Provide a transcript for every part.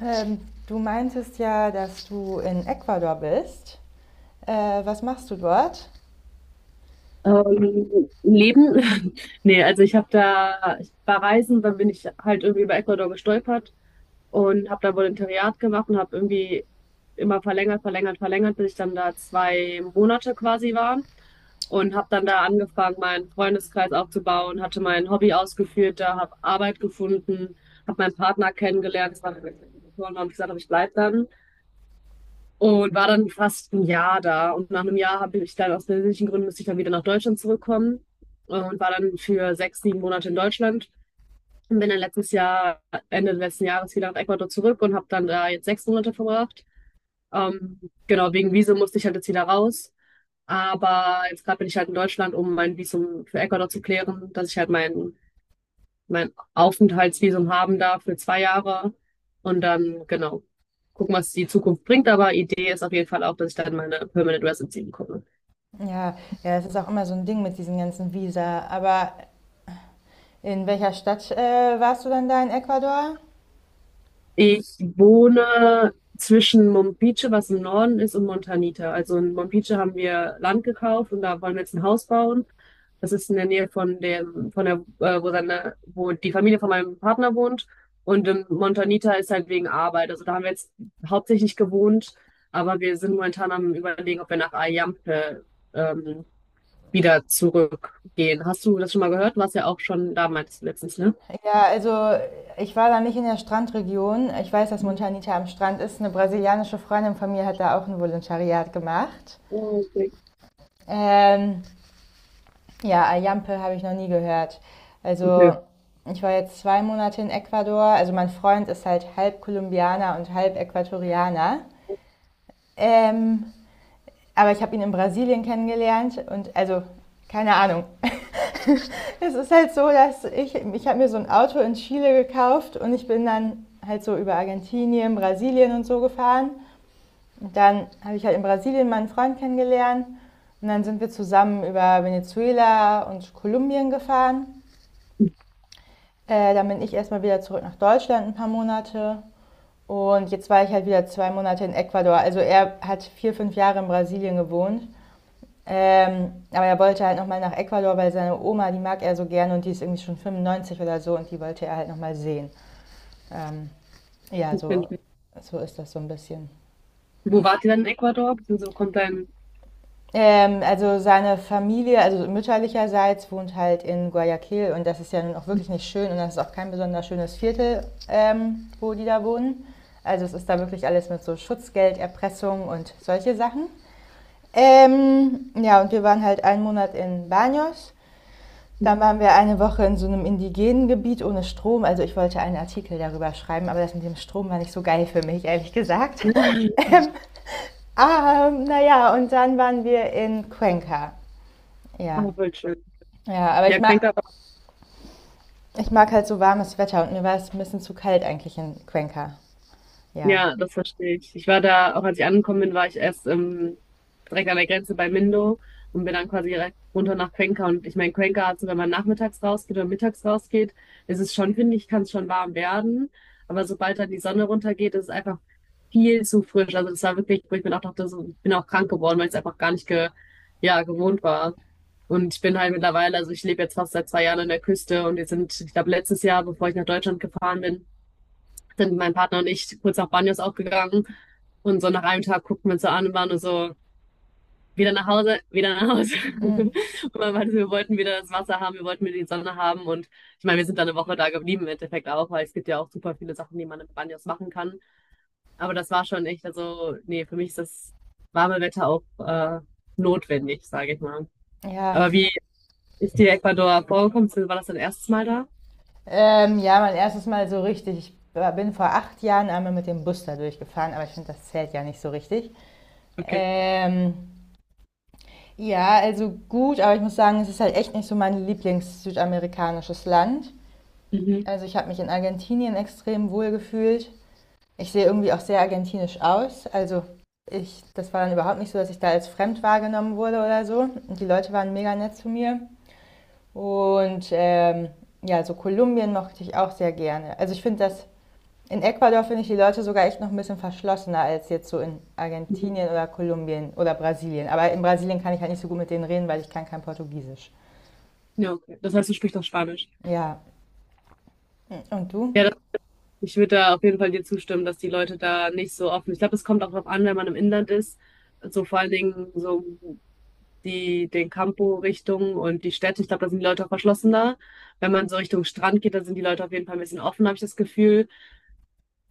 Ähm, Du meintest ja, dass du in Ecuador bist. Äh, Was machst du dort? Leben? Nee, also ich war reisen, dann bin ich halt irgendwie über Ecuador gestolpert und habe da Volontariat gemacht und habe irgendwie immer verlängert, verlängert, verlängert, bis ich dann da 2 Monate quasi war und habe dann da angefangen, meinen Freundeskreis aufzubauen, hatte mein Hobby ausgeführt, da habe Arbeit gefunden, habe meinen Partner kennengelernt, das war und habe gesagt, hab, ich bleib dann. Und war dann fast ein Jahr da. Und nach einem Jahr habe ich dann aus persönlichen Gründen musste ich dann wieder nach Deutschland zurückkommen und war dann für 6, 7 Monate in Deutschland und bin dann letztes Jahr, Ende letzten Jahres wieder nach Ecuador zurück und habe dann da jetzt 6 Monate verbracht. Ähm, genau, wegen Visum musste ich halt jetzt wieder raus. Aber jetzt gerade bin ich halt in Deutschland, um mein Visum für Ecuador zu klären, dass ich halt mein Aufenthaltsvisum haben da für 2 Jahre und dann, genau, gucken, was die Zukunft bringt. Aber Idee ist auf jeden Fall auch, dass ich dann meine Permanent Residency bekomme. Ja, ja, es ist auch immer so ein Ding mit diesen ganzen Visa. Aber in welcher Stadt warst du dann da in Ecuador? Ich wohne zwischen Mompice, was im Norden ist, und Montanita. Also in Mompice haben wir Land gekauft und da wollen wir jetzt ein Haus bauen. Das ist in der Nähe von dem, wo die Familie von meinem Partner wohnt. Und in Montanita ist halt wegen Arbeit. Also da haben wir jetzt hauptsächlich gewohnt, aber wir sind momentan am Überlegen, ob wir nach Ayampe, ähm, wieder zurückgehen. Hast du das schon mal gehört? Du warst ja auch schon da, meintest du letztens, ne? Ja, also ich war da nicht in der Strandregion. Ich weiß, dass Mhm. Montanita am Strand ist. Eine brasilianische Freundin von mir hat da auch ein Volontariat gemacht. Okay. Ähm, Ja, Ayampe habe ich noch nie gehört. Also, ich war jetzt zwei Monate in Ecuador. Also, mein Freund ist halt halb Kolumbianer und halb Äquatorianer. Ähm, aber ich habe ihn in Brasilien kennengelernt und also, keine Ahnung. Es ist halt so, ich habe mir so ein Auto in Chile gekauft und ich bin dann halt so über Argentinien, Brasilien und so gefahren. Und dann habe ich halt in Brasilien meinen Freund kennengelernt. Und dann sind wir zusammen über Venezuela und Kolumbien gefahren. Dann bin ich erstmal wieder zurück nach Deutschland ein paar Monate. Und jetzt war ich halt wieder zwei Monate in Ecuador. Also er hat vier, fünf Jahre in Brasilien gewohnt. Aber er wollte halt nochmal nach Ecuador, weil seine Oma, die mag er so gerne und die ist irgendwie schon 95 oder so und die wollte er halt nochmal sehen. Ähm, ja, Okay. so, so ist das so ein bisschen. Wo wart ihr dann in Ecuador? Beziehungsweise wo kommt dein... Also seine Familie, also mütterlicherseits, wohnt halt in Guayaquil und das ist ja nun auch wirklich nicht schön und das ist auch kein besonders schönes Viertel, wo die da wohnen. Also es ist da wirklich alles mit so Schutzgelderpressung und solche Sachen. Ja, und wir waren halt einen Monat in Baños. Dann waren wir eine Woche in so einem indigenen Gebiet ohne Strom. Also ich wollte einen Artikel darüber schreiben, aber das mit dem Strom war nicht so geil für mich, ehrlich gesagt. Ah, naja, und dann waren wir in Cuenca. Ja, Ah, voll schön. ja, aber Ja, Cuenca. ich mag halt so warmes Wetter und mir war es ein bisschen zu kalt eigentlich in Cuenca. Ja. Ja, das verstehe ich. Ich war da, auch als ich angekommen bin, war ich erst direkt an der Grenze bei Mindo und bin dann quasi direkt runter nach Cuenca. Und ich meine, Cuenca, also wenn man nachmittags rausgeht oder mittags rausgeht, ist es schon, finde ich, kann es schon warm werden. Aber sobald dann die Sonne runtergeht, ist es einfach viel zu frisch. Also das war wirklich, wo ich mir auch dachte, so, ich bin auch krank geworden, weil ich es einfach gar nicht ja, gewohnt war. Und ich bin halt mittlerweile, also ich lebe jetzt fast seit 2 Jahren an der Küste und wir sind, ich glaube, letztes Jahr, bevor ich nach Deutschland gefahren bin, sind mein Partner und ich kurz nach Banyos auch gegangen. Und so nach einem Tag guckten wir uns so an und waren nur so, wieder nach Hause, wieder nach Hause. Und man meinte, so, wir wollten wieder das Wasser haben, wir wollten wieder die Sonne haben. Und ich meine, wir sind dann eine Woche da geblieben im Endeffekt auch, weil es gibt ja auch super viele Sachen, die man in Banyos machen kann. Aber das war schon echt, also, nee, für mich ist das warme Wetter auch notwendig, sage ich mal. Ja. Aber wie ist dir Ecuador vorgekommen? War das dein erstes Mal da? Ja, mein erstes Mal so richtig. Bin vor acht Jahren einmal mit dem Bus da durchgefahren, aber ich finde, das zählt ja nicht so richtig. Okay. Ähm, ja, also gut, aber ich muss sagen, es ist halt echt nicht so mein Lieblings-südamerikanisches Land. Mhm. Also ich habe mich in Argentinien extrem wohl gefühlt. Ich sehe irgendwie auch sehr argentinisch aus. Also ich, das war dann überhaupt nicht so, dass ich da als fremd wahrgenommen wurde oder so. Und die Leute waren mega nett zu mir. Und ja, so Kolumbien mochte ich auch sehr gerne. In Ecuador finde ich die Leute sogar echt noch ein bisschen verschlossener als jetzt so in Mhm. Argentinien oder Kolumbien oder Brasilien. Aber in Brasilien kann ich halt nicht so gut mit denen reden, weil ich kann kein Portugiesisch. Ja, okay. Das heißt, du sprichst auch Spanisch. Ja, und du? Ja, ich würde da auf jeden Fall dir zustimmen, dass die Leute da nicht so offen. Ich glaube, es kommt auch darauf an, wenn man im Inland ist. So vor allen Dingen so die den Campo-Richtung und die Städte. Ich glaube, da sind die Leute auch verschlossener. Wenn man so Richtung Strand geht, da sind die Leute auf jeden Fall ein bisschen offen, habe ich das Gefühl.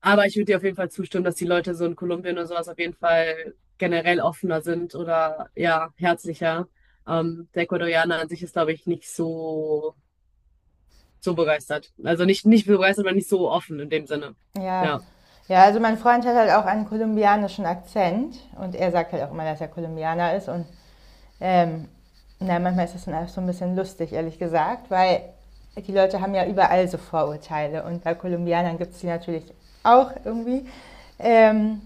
Aber ich würde dir auf jeden Fall zustimmen, dass die Leute so in Kolumbien oder sowas auf jeden Fall generell offener sind oder ja, herzlicher. Der Ecuadorianer an sich ist, glaube ich, nicht so begeistert. Also nicht begeistert, aber nicht so offen in dem Sinne. Ja. Ja. Ja, also mein Freund hat halt auch einen kolumbianischen Akzent und er sagt halt auch immer, dass er Kolumbianer ist und ähm, na, manchmal ist das dann auch so ein bisschen lustig, ehrlich gesagt, weil die Leute haben ja überall so Vorurteile und bei Kolumbianern gibt es die natürlich auch irgendwie. Ähm,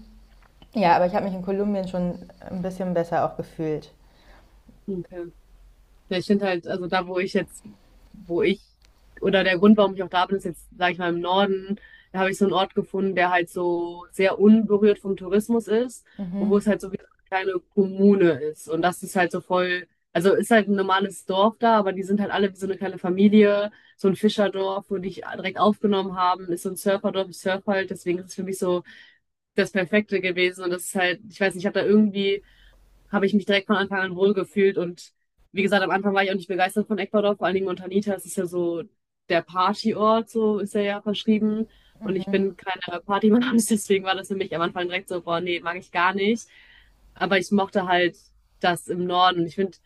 ja, aber ich habe mich in Kolumbien schon ein bisschen besser auch gefühlt. Okay. Ja, ich finde halt, also da, wo ich jetzt, wo ich, oder der Grund, warum ich auch da bin, ist jetzt, sage ich mal, im Norden, da habe ich so einen Ort gefunden, der halt so sehr unberührt vom Tourismus ist und wo Mhm. es halt so wie so eine kleine Kommune ist. Und das ist halt so voll, also ist halt ein normales Dorf da, aber die sind halt alle wie so eine kleine Familie, so ein Fischerdorf, wo die dich direkt aufgenommen haben, ist so ein Surferdorf, ich surf halt, deswegen ist es für mich so das Perfekte gewesen. Und das ist halt, ich weiß nicht, ich habe da irgendwie habe ich mich direkt von Anfang an wohl gefühlt. Und wie gesagt, am Anfang war ich auch nicht begeistert von Ecuador, vor allen Dingen Montanita. Es ist ja so der Partyort, so ist er ja verschrieben. Und ich bin keine Partymaus, deswegen war das für mich am Anfang direkt so, boah, nee, mag ich gar nicht. Aber ich mochte halt das im Norden. Und ich finde,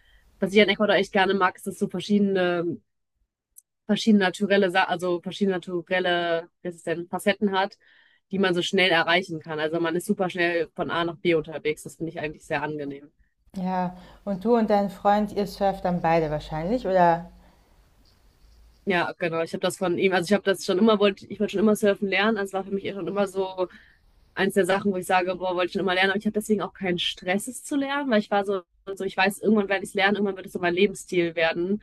was ich an Ecuador echt gerne mag, ist, dass so verschiedene, also verschiedene naturelle, wie heißt es denn, Facetten hat, die man so schnell erreichen kann. Also man ist super schnell von A nach B unterwegs. Das finde ich eigentlich sehr angenehm. Ja, und du und dein Freund, ihr surft dann beide wahrscheinlich, oder? Ja, genau. Ich habe das von ihm, also ich habe das schon immer, ich wollte schon immer surfen lernen. Also es war für mich eh schon immer so eins der Sachen, wo ich sage, boah, wollte ich schon immer lernen. Aber ich habe deswegen auch keinen Stress, es zu lernen, weil ich war so, so ich weiß, irgendwann werde ich es lernen, irgendwann wird es so mein Lebensstil werden.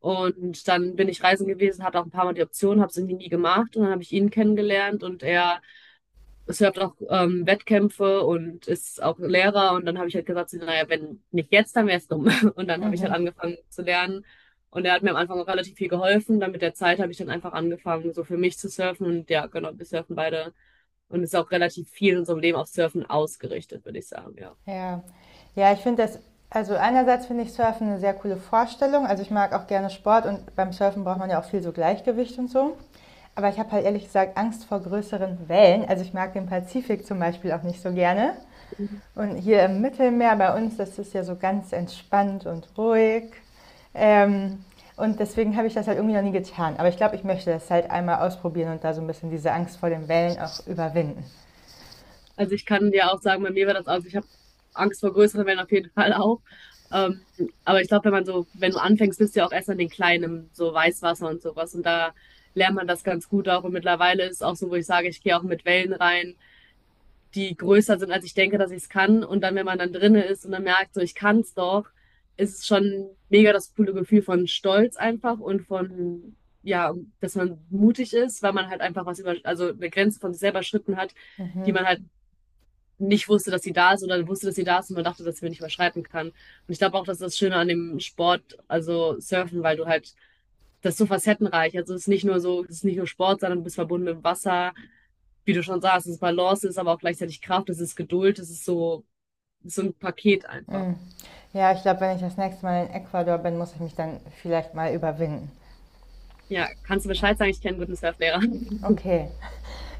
Und dann bin ich reisen gewesen, hatte auch ein paar Mal die Option, habe es irgendwie nie gemacht. Und dann habe ich ihn kennengelernt und er es hat auch Wettkämpfe und ist auch Lehrer. Und dann habe ich halt gesagt, so, naja, wenn nicht jetzt, dann wäre es dumm. Und dann habe ich halt Mhm. angefangen zu lernen. Und er hat mir am Anfang auch relativ viel geholfen. Dann mit der Zeit habe ich dann einfach angefangen, so für mich zu surfen. Und ja, genau, wir surfen beide. Und es ist auch relativ viel in unserem Leben auf Surfen ausgerichtet, würde ich sagen, ja. Ja. Ja, ich finde das, also einerseits finde ich Surfen eine sehr coole Vorstellung. Also, ich mag auch gerne Sport und beim Surfen braucht man ja auch viel so Gleichgewicht und so. Aber ich habe halt ehrlich gesagt Angst vor größeren Wellen. Also, ich mag den Pazifik zum Beispiel auch nicht so gerne. Und hier im Mittelmeer bei uns, das ist ja so ganz entspannt und ruhig. Ähm, und deswegen habe ich das halt irgendwie noch nie getan. Aber ich glaube, ich möchte das halt einmal ausprobieren und da so ein bisschen diese Angst vor den Wellen auch überwinden. Also ich kann dir auch sagen, bei mir war das, also ich habe Angst vor größeren Wellen auf jeden Fall auch. Ähm, aber ich glaube, wenn man so, wenn du anfängst, bist du ja auch erst an den kleinen, so Weißwasser und sowas. Und da lernt man das ganz gut auch. Und mittlerweile ist auch so, wo ich sage, ich gehe auch mit Wellen rein, die größer sind, als ich denke, dass ich es kann. Und dann, wenn man dann drinne ist und dann merkt, so ich kann es doch, ist es schon mega das coole Gefühl von Stolz einfach und von, ja, dass man mutig ist, weil man halt einfach was über, also eine Grenze von sich selber schritten hat, die Mhm. man halt nicht wusste, dass sie da ist oder wusste, dass sie da ist und man dachte, dass sie mir nicht überschreiten kann. Und ich glaube auch, das ist das Schöne an dem Sport, also Surfen, weil du halt, das ist so facettenreich. Also es ist nicht nur so, es ist nicht nur Sport, sondern du bist verbunden mit dem Wasser. Wie du schon sagst, es ist Balance, es ist aber auch gleichzeitig Kraft, es ist Geduld, es ist so ein Paket einfach. Mhm. Ja, ich glaube, wenn ich das nächste Mal in Ecuador bin, muss ich mich dann vielleicht mal überwinden. Ja, kannst du Bescheid sagen, ich kenne einen guten Surflehrer. Okay.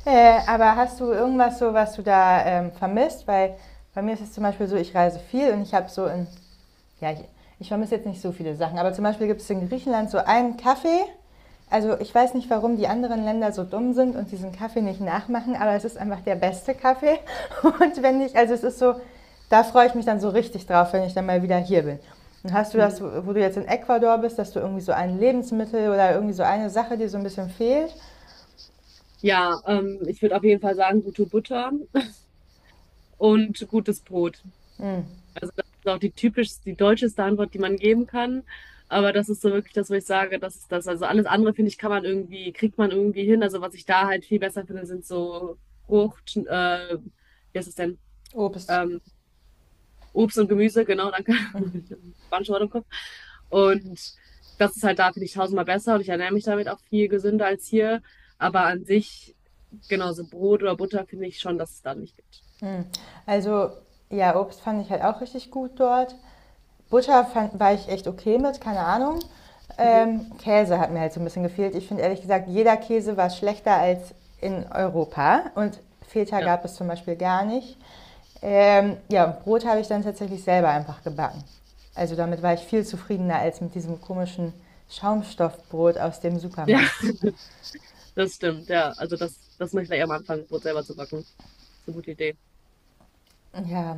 Aber hast du irgendwas so, was du da vermisst? Weil bei mir ist es zum Beispiel so, ich reise viel und ich habe so in Ja, ich, ich vermisse jetzt nicht so viele Sachen, aber zum Beispiel gibt es in Griechenland so einen Kaffee. Also ich weiß nicht, warum die anderen Länder so dumm sind und diesen Kaffee nicht nachmachen, aber es ist einfach der beste Kaffee. Und wenn ich, also es ist so, da freue ich mich dann so richtig drauf, wenn ich dann mal wieder hier bin. Und hast du das, Mhm. wo du jetzt in Ecuador bist, dass du irgendwie so ein Lebensmittel oder irgendwie so eine Sache, die so ein bisschen fehlt? Ja, ich würde auf jeden Fall sagen, gute Butter und gutes Brot. Mm. Ist auch die typisch, die deutscheste Antwort, die man geben kann. Aber das ist so wirklich das, wo ich sage, das ist das. Also alles andere, finde ich, kann man irgendwie, kriegt man irgendwie hin. Also was ich da halt viel besser finde, sind so Frucht, wie heißt es denn? Obst. Ähm, Obst und Gemüse, genau, danke. Spanische Wort im Kopf. Und das ist halt da, finde ich, tausendmal besser und ich ernähre mich damit auch viel gesünder als hier. Aber an sich, genau, so Brot oder Butter finde ich schon, dass es da nicht gibt. Mm. Also ja, Obst fand ich halt auch richtig gut dort. War ich echt okay mit, keine Ahnung. Mhm. Käse hat mir halt so ein bisschen gefehlt. Ich finde ehrlich gesagt, jeder Käse war schlechter als in Europa und Feta Ja. gab es zum Beispiel gar nicht. Ja, und Brot habe ich dann tatsächlich selber einfach gebacken. Also damit war ich viel zufriedener als mit diesem komischen Schaumstoffbrot aus dem Supermarkt. Das stimmt, ja. Also das möchte ich gleich am Anfang, Brot selber zu backen. Das ist eine gute Idee. Ja,